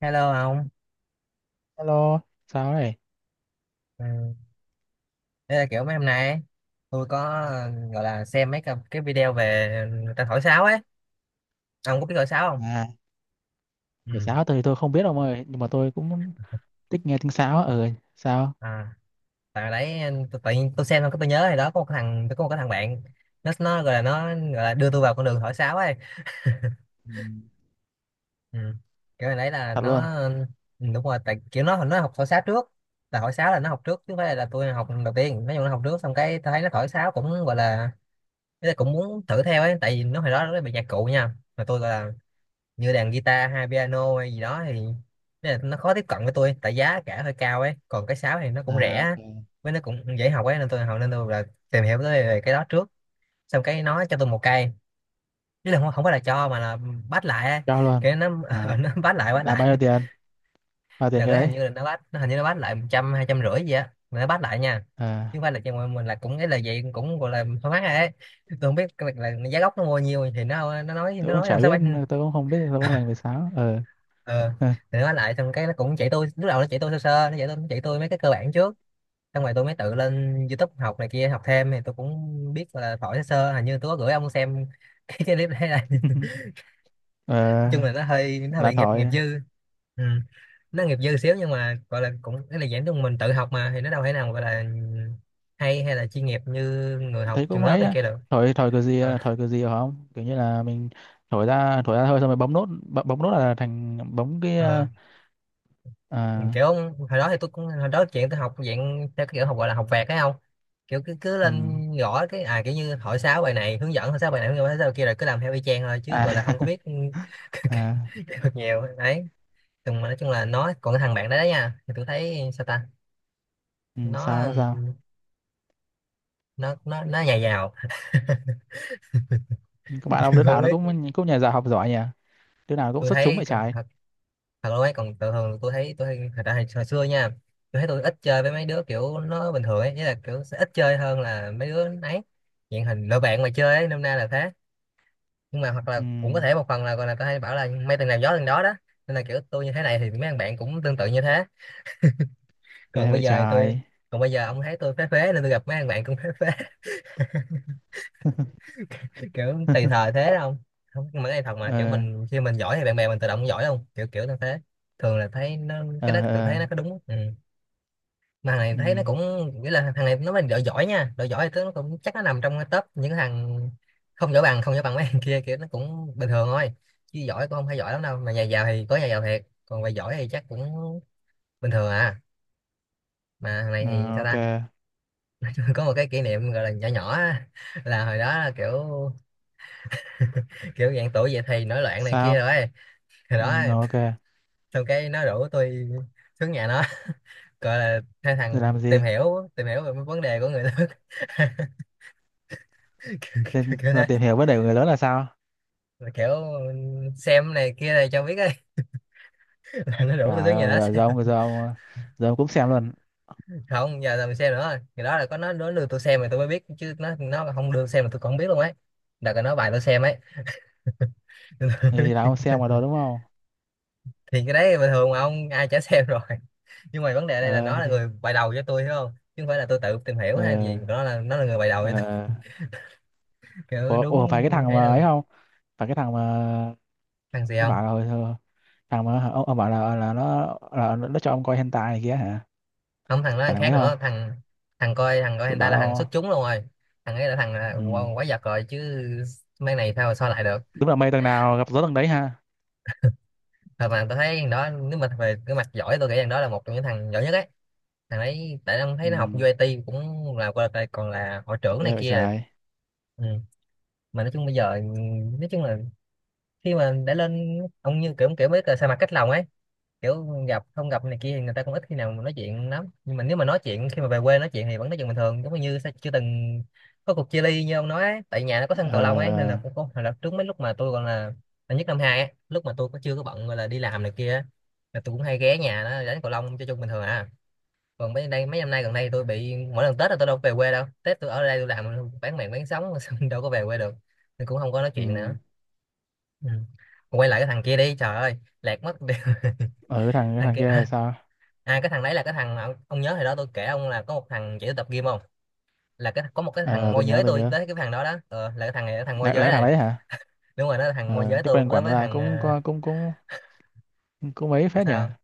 Hello ông, Hello, sao đấy? ừ. Đây là kiểu mấy hôm nay ấy, tôi có gọi là xem mấy cái video về người ta thổi sáo ấy, ông có biết thổi sáo không? À, Ừ. nhảy sáo tôi thì tôi không biết ông ơi, nhưng mà tôi cũng thích nghe tiếng sáo á. Ừ, sao? À, tại đấy tự nhiên tôi xem xong cái tôi nhớ thì đó có một cái thằng tôi có một cái thằng bạn nó gọi là đưa tôi vào con đường thổi sáo ấy, Ừ, ừ. Kiểu này đấy là thật nó luôn. ừ, đúng rồi, tại kiểu nó học thổi sáo trước, là thổi sáo là nó học trước chứ không phải là tôi học đầu tiên, nói chung nó học trước xong cái tôi thấy nó thổi sáo cũng gọi là tôi cũng muốn thử theo ấy, tại vì nó hồi đó nó bị nhạc cụ nha, mà tôi gọi là như đàn guitar hay piano hay gì đó thì thế là nó khó tiếp cận với tôi tại giá cả hơi cao ấy còn cái sáo thì nó cũng rẻ À, á, ok. với nó cũng dễ học ấy nên tôi học nên tôi là tìm hiểu tới về cái đó trước xong cái nó cho tôi một cây chứ là không phải là cho mà là bắt lại ấy. Cho luôn. Cái nó À, nó bắt lại bắt là bao lại nhiêu tiền? Bao tiền đợt cái đấy hình đấy? như là nó hình như bắt lại một trăm hai trăm rưỡi gì á mà nó bắt lại nha chứ À, không phải là cho mình là cũng cái là vậy cũng gọi là thoải mái ấy tôi không biết là giá gốc nó mua nhiêu thì nó nó nói tôi nó cũng nói chả làm sao biết, bán. tôi cũng không biết, tôi không dành về sáo. Ờ, Ờ thì nó lại xong cái nó cũng chỉ tôi lúc đầu nó chỉ tôi sơ sơ nó chỉ tôi mấy cái cơ bản trước xong rồi tôi mới tự lên YouTube học này kia học thêm thì tôi cũng biết là phổi sơ sơ hình như tôi có gửi ông xem cái clip đấy là nói Ờ, chung là nó hơi là bị nghiệp thổi. nghiệp dư. Ừ. Nó nghiệp dư xíu nhưng mà gọi là cũng cái là giảng chung mình tự học mà thì nó đâu thể nào gọi là hay hay là chuyên nghiệp như người học Thấy trường cũng lớp ấy này á. kia được. Thổi Ờ, thổi cái gì hả không? Kiểu như là mình thổi ra thôi, xong rồi bấm nốt, bấm nốt là thành bấm cái. ờ. Ờ, Ừ, à, kiểu hồi đó chuyện tôi học dạng theo cái kiểu học gọi là học vẹt thấy không kiểu cứ cứ ừ. lên gõ cái à kiểu như hỏi sáu bài này hướng dẫn hỏi sáu bài kia rồi cứ làm theo y chang thôi chứ À, gọi là không có biết cái- cái- à, cái được nhiều đấy nhưng mà nói chung là nó còn cái thằng bạn đấy đó nha thì tôi thấy sao ta. ừ, sao đó sao? Nó nó nó nó nhà giàu. Các bạn ông Tôi đứa không nào nó biết. cũng cũng nhà giả học giỏi nhỉ, đứa nào cũng Tôi xuất chúng thấy vậy trái. thật luôn ấy còn thường thường tôi thấy thật ra hồi xưa nha tôi thấy tôi ít chơi với mấy đứa kiểu nó bình thường ấy nghĩa là kiểu sẽ ít chơi hơn là mấy đứa ấy hiện hình lựa bạn mà chơi ấy nôm na là thế nhưng mà hoặc là Ừ, cũng có thể một phần là còn là tôi hay bảo là mấy thằng nào gió thằng đó đó nên là kiểu tôi như thế này thì mấy thằng bạn cũng tương tự như thế còn ghê bây vậy giờ thì tôi trái. còn bây giờ ông thấy tôi phế phế nên tôi gặp mấy thằng bạn cũng phế phế. Kiểu tùy thời thế đó không. Không nhưng mà cái này thật mà kiểu Ờ mình khi mình giỏi thì bạn bè mình tự động giỏi không kiểu kiểu như thế thường là thấy nó cái đó ờ tự thấy ờ. nó có đúng ừ. Mà thằng này Ừ. thấy nó cũng nghĩa là thằng này nó mà đội giỏi nha đội giỏi thì nó cũng chắc nó nằm trong cái top những thằng không giỏi bằng mấy thằng kia kiểu nó cũng bình thường thôi chứ giỏi cũng không phải giỏi lắm đâu mà nhà giàu thì có nhà giàu thiệt còn về giỏi thì chắc cũng bình thường à. Mà thằng này thì Ờ, sao ok. ta. Có một cái kỷ niệm gọi là nhỏ nhỏ á, là hồi đó là kiểu kiểu dạng tuổi dậy thì nổi loạn này kia Sao? rồi hồi Ừ, đó ok. xong cái nó rủ tôi xuống nhà nó gọi là hai Rồi thằng làm gì? Tìm hiểu về mấy vấn đề của người lớn. kiểu, Kiểu Lên là thế. tìm hiểu vấn đề của người lớn là sao? Mà kiểu xem này kia này cho biết ấy. Là nó rủ tôi Trời tới nhà ơi, nó rồi xem giờ ông cũng xem luôn. không giờ là mình xem nữa rồi ngày đó là có nó đưa tôi xem mà tôi mới biết chứ nó không đưa xem mà tôi còn không biết luôn ấy đợt là nó bài tôi xem ấy. Tôi Ừ, mới thì là biết. ông xem rồi đó đúng không? Thì cái đấy bình thường mà ông ai chả xem rồi. Nhưng mà vấn đề ở đây là nó Ờ là thì, người bài đầu cho tôi hiểu không chứ không phải là tôi tự tìm hiểu ờ hay gì nó là người bài đầu cho tôi. ờ. Kiểu Ủa, ủa, phải cái đúng thằng ấy mà đâu. ấy không? Phải cái thằng mà Thằng gì nó không. bảo là hồi- thằng mà ông bảo là nó là nó cho ông coi hentai này kia hả? Không thằng đó thằng Bạn làm khác ấy không? nữa thằng thằng coi Tôi hentai bảo là thằng đâu. xuất chúng luôn rồi. Thằng ấy là thằng là Ừ. Quá giật rồi chứ mấy này sao sao lại được. Đúng là mây tầng nào gặp gió tầng đấy ha. Thật mà tôi thấy thằng đó nếu mà về cái mặt giỏi tôi nghĩ thằng đó là một trong những thằng giỏi nhất ấy thằng ấy tại ông Ừ. thấy nó học UIT cũng là qua đây còn là hội trưởng này Ghê vậy kia là-. trời. Ừ. Mà nói chung bây giờ nói chung là khi mà đã lên ông như kiểu kiểu mới là sa mặt cách lòng ấy kiểu gặp không gặp này kia thì người ta cũng ít khi nào mà nói chuyện lắm nhưng mà nếu mà nói chuyện khi mà về quê nói chuyện thì vẫn nói chuyện bình thường giống như sẽ chưa từng có cuộc chia ly như ông nói ấy. Tại nhà nó có sân Ờ. cầu lông ấy nên là cũng có hồi là trước mấy lúc mà tôi còn là năm nhất năm hai ấy, lúc mà tôi chưa có bận gọi là đi làm này kia á, là tôi cũng hay ghé nhà nó đánh cầu lông cho chung bình thường à còn mấy năm nay gần đây tôi bị mỗi lần Tết là tôi đâu có về quê đâu Tết tôi ở đây tôi làm bán mạng bán sống xong đâu có về quê được nên cũng không có nói Ừ. chuyện nữa. Ừ. Quay lại cái thằng kia đi trời ơi lạc mất. Ở cái thằng cái Thằng thằng kia kia là à, sao? à cái thằng đấy là cái thằng mà ông nhớ hồi đó tôi kể ông là có một thằng chỉ tôi tập gym không là có một cái Ờ thằng ờ, tôi môi nhớ giới tôi tôi nhớ. tới cái thằng đó đó ờ, là cái thằng này cái thằng môi Là, giới là thằng này đấy hả? đúng rồi nó là thằng môi Ờ. giới Cái tôi quen tới quản với ra thằng cũng à, có cũng cũng cũng mấy phết nhỉ. sao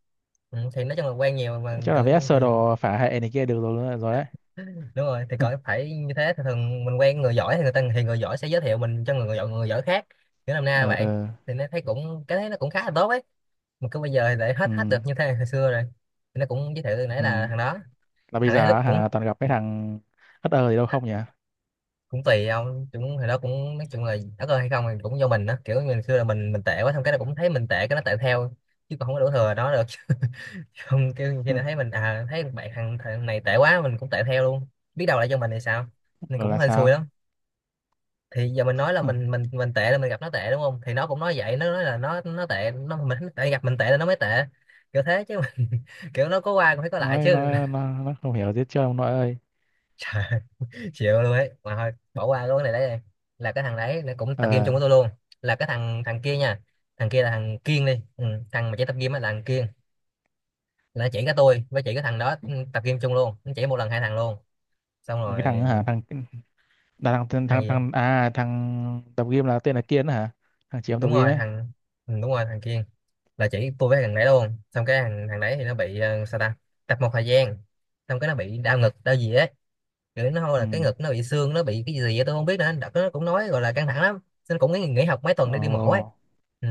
ừ, thì nói chung là quen nhiều mà Chắc là cỡ vẽ thì sơ đồ phả hệ này kia được rồi rồi đấy. đúng rồi thì cỡ phải như thế thì thường mình quen người giỏi thì người ta thì người giỏi sẽ giới thiệu mình cho người giỏi khác kiểu làm na Ờ vậy ờ. thì nó thấy cũng cái thấy nó cũng khá là tốt ấy mà cứ bây giờ thì để Ừ. hết hết được như thế này hồi xưa rồi thì nó cũng giới thiệu nãy Ừ. là thằng đó Là bây thằng đấy lúc giờ cũng hả, toàn gặp cái thằng hất ơ gì đâu không nhỉ? cũng tùy ông cũng thì đó cũng nói chung là đất ơi hay không thì cũng do mình đó kiểu mình xưa là mình tệ quá xong cái nó cũng thấy mình tệ cái nó tệ theo chứ còn không có đổ thừa nó được. Không kêu khi Ừ. nó thấy mình à thấy bạn thằng này tệ quá mình cũng tệ theo luôn biết đâu lại cho mình thì sao nên Rồi cũng là hên xui sao? lắm thì giờ mình nói là Ừ. Mình tệ là mình gặp nó tệ đúng không thì nó cũng nói vậy nó nói là nó tệ nó mình tại gặp mình tệ là nó mới tệ kiểu thế chứ mình, kiểu nó có qua cũng phải có lại chứ. nói nó không hiểu gì hết ông nội ơi. Trời chịu luôn ấy mà thôi bỏ qua luôn cái này đấy đi là cái thằng đấy nó cũng tập game Ờ. chung với tôi luôn là cái thằng thằng kia nha thằng kia là thằng Kiên đi ừ, thằng mà chỉ tập game á là thằng Kiên là nó chỉ cái tôi với chỉ cái thằng đó ừ, tập game chung luôn nó chỉ một lần hai thằng luôn. Xong Mà rồi cái thằng hả, thằng là thằng thằng thằng thằng gì? thằng- à, thằng tập gym là tên là Kiên đó hả, thằng chị em tập Đúng gym rồi ấy. thằng. Đúng rồi thằng Kiên. Là chỉ tôi với thằng đấy luôn, xong cái thằng đấy thì nó bị sao ta, tập một thời gian xong cái nó bị đau ngực đau gì ấy, rồi đến hồi Ừ. là cái ngực nó bị xương nó bị cái gì vậy, tôi không biết nữa. Đợt đó nó cũng nói gọi là căng thẳng lắm nên cũng nghỉ học mấy tuần để đi mổ ấy. Ồ. Ừ.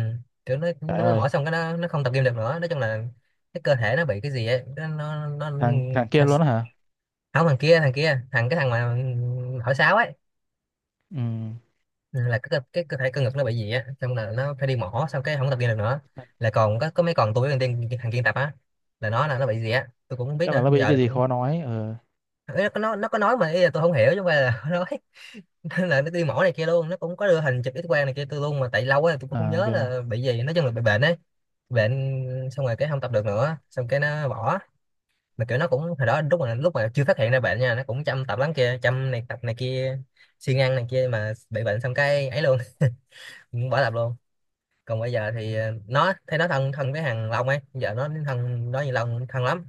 Kiểu nó Trời nó ơi, mổ xong cái nó không tập gym được nữa, nói chung là cái cơ thể nó bị cái gì ấy, nó... thằng thằng Kiên luôn đó hả? Không, thằng kia cái thằng mà hỏi sáo ấy. Ừ. Ừ, là cái, cái cơ thể cơ ngực nó bị gì á, xong là nó phải đi mổ xong cái không tập gym được nữa. Là còn có mấy, còn tôi với thằng kia tập á. Là nó bị gì á tôi cũng không biết Chắc là nữa nó bị giờ cái gì cũng... khó nói. Ờ, Ý là nó có nói mà ý là tôi không hiểu chứ không phải là nó nói. Là nó đi mổ này kia luôn, nó cũng có đưa hình chụp X quang này kia tôi luôn, mà tại lâu quá tôi cũng không à, nhớ kìa. là bị gì, nói chung là bị bệnh ấy. Bệnh. Xong rồi cái không tập được nữa, xong cái nó bỏ. Mà kiểu nó cũng hồi đó lúc mà chưa phát hiện ra bệnh nha, nó cũng chăm tập lắm kia, chăm này tập này kia, siêng ăn này kia mà bị bệnh xong cái ấy luôn. Cũng bỏ tập luôn. Còn bây giờ thì nó thấy nó thân thân với thằng Long ấy, giờ nó thân đó như Long thân lắm.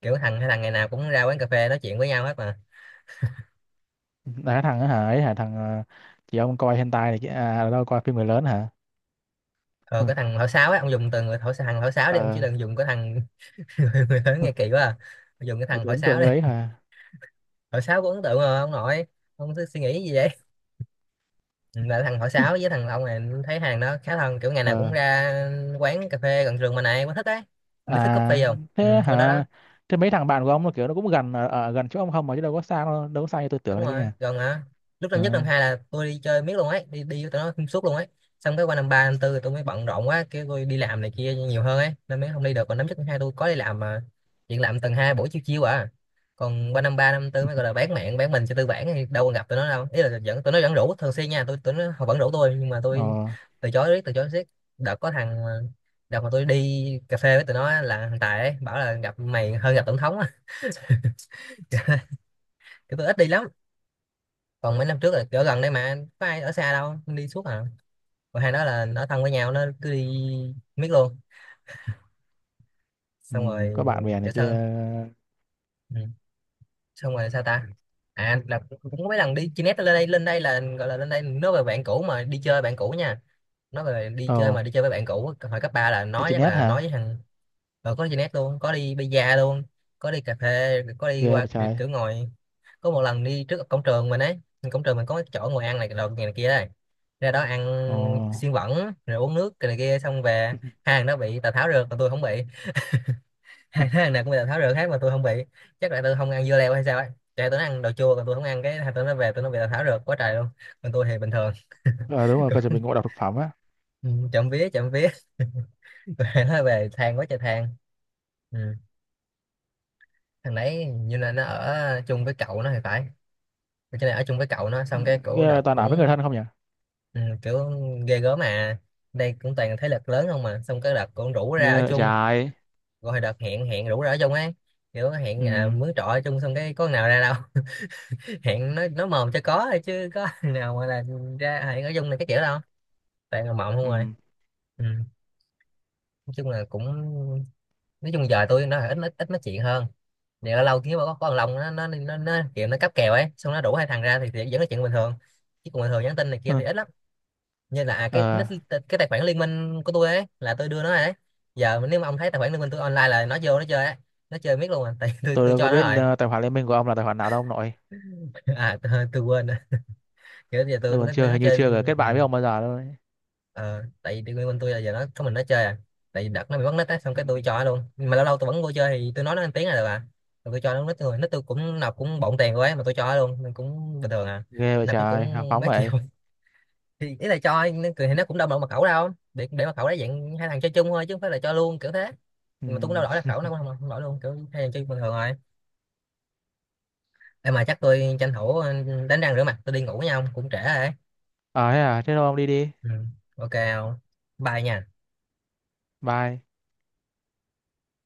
Kiểu hai thằng ngày nào cũng ra quán cà phê nói chuyện với nhau hết mà. Là cái thằng đó hả, ấy hả, thằng ờ, chị ông coi hentai này kia à, đâu coi phim người lớn hả? Ờ, Ừ. cái thằng thổi sáo ấy, ông dùng từ người thổi thằng thổi sáo đi ông, chứ Ờ, đừng dùng cái thằng người lớn nghe kỳ quá à. Bây giờ dùng cái tôi thằng tôi hỏi ấn tượng sáo cái đi. đấy hả. Hỏi sáo có ấn tượng rồi, ông nội. Ông cứ suy nghĩ gì vậy? Ừ, là thằng hỏi sáo với thằng ông này thấy hàng đó khá thân, kiểu ngày nào cũng Ờ. ra quán cà phê gần trường mà này, có thích đấy. Không biết thích coffee À, không, thế quán đó đó. hả? Thế mấy thằng bạn của ông nó kiểu nó cũng gần ở gần chỗ ông không mà, chứ đâu có xa đâu, đâu có xa như tôi tưởng Đúng đấy cơ rồi, nhà. gần mà. Lúc Ờ năm nhất năm hai là tôi đi chơi miết luôn ấy, đi đi với tụi nó xuyên suốt luôn ấy. Xong cái qua năm ba năm tư tôi mới bận rộn quá, kêu tôi đi làm này kia nhiều hơn ấy nên mới không đi được, còn năm nhất năm hai tôi có đi làm mà chuyện làm tuần hai buổi chiều chiều à. Còn qua năm ba năm tư mới gọi là bán mạng bán mình cho tư bản thì đâu còn gặp tụi nó đâu, ý là vẫn tụi nó vẫn rủ thường xuyên nha, tôi tụi nó họ vẫn rủ tôi nhưng mà ờ. tôi từ chối riết từ chối riết. đợt có thằng mà- Đợt mà tôi đi cà phê với tụi nó á, là thằng Tài ấy bảo là gặp mày hơn gặp tổng thống á. Cái tôi ít đi lắm. Còn mấy năm trước là ở gần đây mà có ai ở xa đâu, đi suốt à. Còn hai đó là nó thân với nhau nó cứ đi miết luôn. Ừ, Xong rồi. có bạn bè Kiểu này kia. sao. Ừ. Xong rồi sao ta. À là cũng có mấy lần đi chi nét, lên đây là gọi là lên đây nói về bạn cũ mà đi chơi bạn cũ nha, nói về đi chơi Ờ, mà đi chơi với bạn cũ hồi cấp ba, là đi nói trên chắc net là nói hả? với thằng. Ờ, có đi net luôn, có đi bida luôn, có đi cà phê, có đi Ghê qua vậy kiểu trời. kiểu ngồi. Có một lần đi trước cổng trường mình ấy, cổng trường mình có cái chỗ ngồi ăn này đồ này, này kia đây, ra đó ăn Ồ. xiên bẩn rồi uống nước cái này kia xong về. Hai thằng đó bị tào tháo rượt mà tôi không bị. Hai thằng này cũng bị tào tháo rượt hết mà tôi không bị. Chắc là tôi không ăn dưa leo hay sao ấy. Chạy tụi nó ăn đồ chua còn tôi không ăn, cái hai tụi nó về tụi nó bị tào tháo rượt quá trời luôn, còn tôi thì bình thường. Ờ đúng rồi, coi chuẩn bị ngộ độc thực phẩm á. Ừ, trộm vía trộm vía. Rồi nó về than quá trời than. Ừ. Thằng đấy như là nó ở chung với cậu nó thì phải, cái này ở chung với cậu nó, xong cái cổ Ghê vậy đợt toàn ở với người cũng... thân không nhỉ. Ừ, kiểu ghê gớm mà, đây cũng toàn thế lực lớn không, mà xong cái đợt cũng rủ ra ở Ghê vậy chung. trời. Rồi đợt hẹn hẹn rủ ra ở chung ấy, kiểu hẹn Ừ. mướn trọ ở chung xong cái có nào ra đâu. Hẹn nó mồm cho có thôi chứ có nào mà là ra hẹn ở chung này cái kiểu đâu, toàn là mộng không rồi. Ừ. Ừ. Nói chung là cũng, nói chung giờ tôi nó ít ít ít nói chuyện hơn, thì ở lâu kiếm có con lòng nó nó kiểu nó cáp kèo ấy, xong nó đủ hai thằng ra thì vẫn nói chuyện bình thường, chứ còn bình thường nhắn tin này kia Hừ. thì ít lắm. Như là cái Ờ, nick cái tài khoản liên minh của tôi ấy là tôi đưa nó rồi đấy. Giờ nếu mà ông thấy tài khoản liên minh tôi online là nó vô nó chơi ấy, nó chơi miết luôn à. Tại tôi tôi tôi đâu có cho nó biết rồi. ờ, tài khoản liên minh của ông là tài khoản nào đâu ông nội. À tôi quên rồi. Kiểu giờ Tôi còn chưa nó hình như chơi. chưa kết bạn Ừ. với ông bao giờ đâu đấy. Ờ, tại vì bên tôi là giờ nó có mình nó chơi à, tại vì đợt nó bị mất nít á xong Ừ. cái tôi cho nó luôn, nhưng mà lâu lâu tôi vẫn vô chơi thì tôi nói nó ăn tiếng là được à. Rồi tôi cho nó nít, tôi nít tôi cũng nạp cũng bộn tiền quá mà tôi cho nó luôn nên cũng bình thường à. Ghê vậy Nạp cái trời, hào cũng phóng mấy triệu. vậy. Thì ý là cho nó cười thì nó cũng đâu mà mật khẩu, đâu để mật khẩu đấy, dạng hai thằng chơi chung thôi chứ không phải là cho luôn kiểu thế. Ừ. Nhưng mà tôi cũng đâu đổi mật khẩu, nó cũng không đổi luôn, kiểu hai thằng chơi bình thường rồi. Em mà chắc tôi tranh thủ đánh răng rửa mặt tôi đi ngủ với nhau cũng trễ rồi đấy. Ờ thế à, thế thôi ông đi đi. Ừ. Ok không, bye nha. Bye.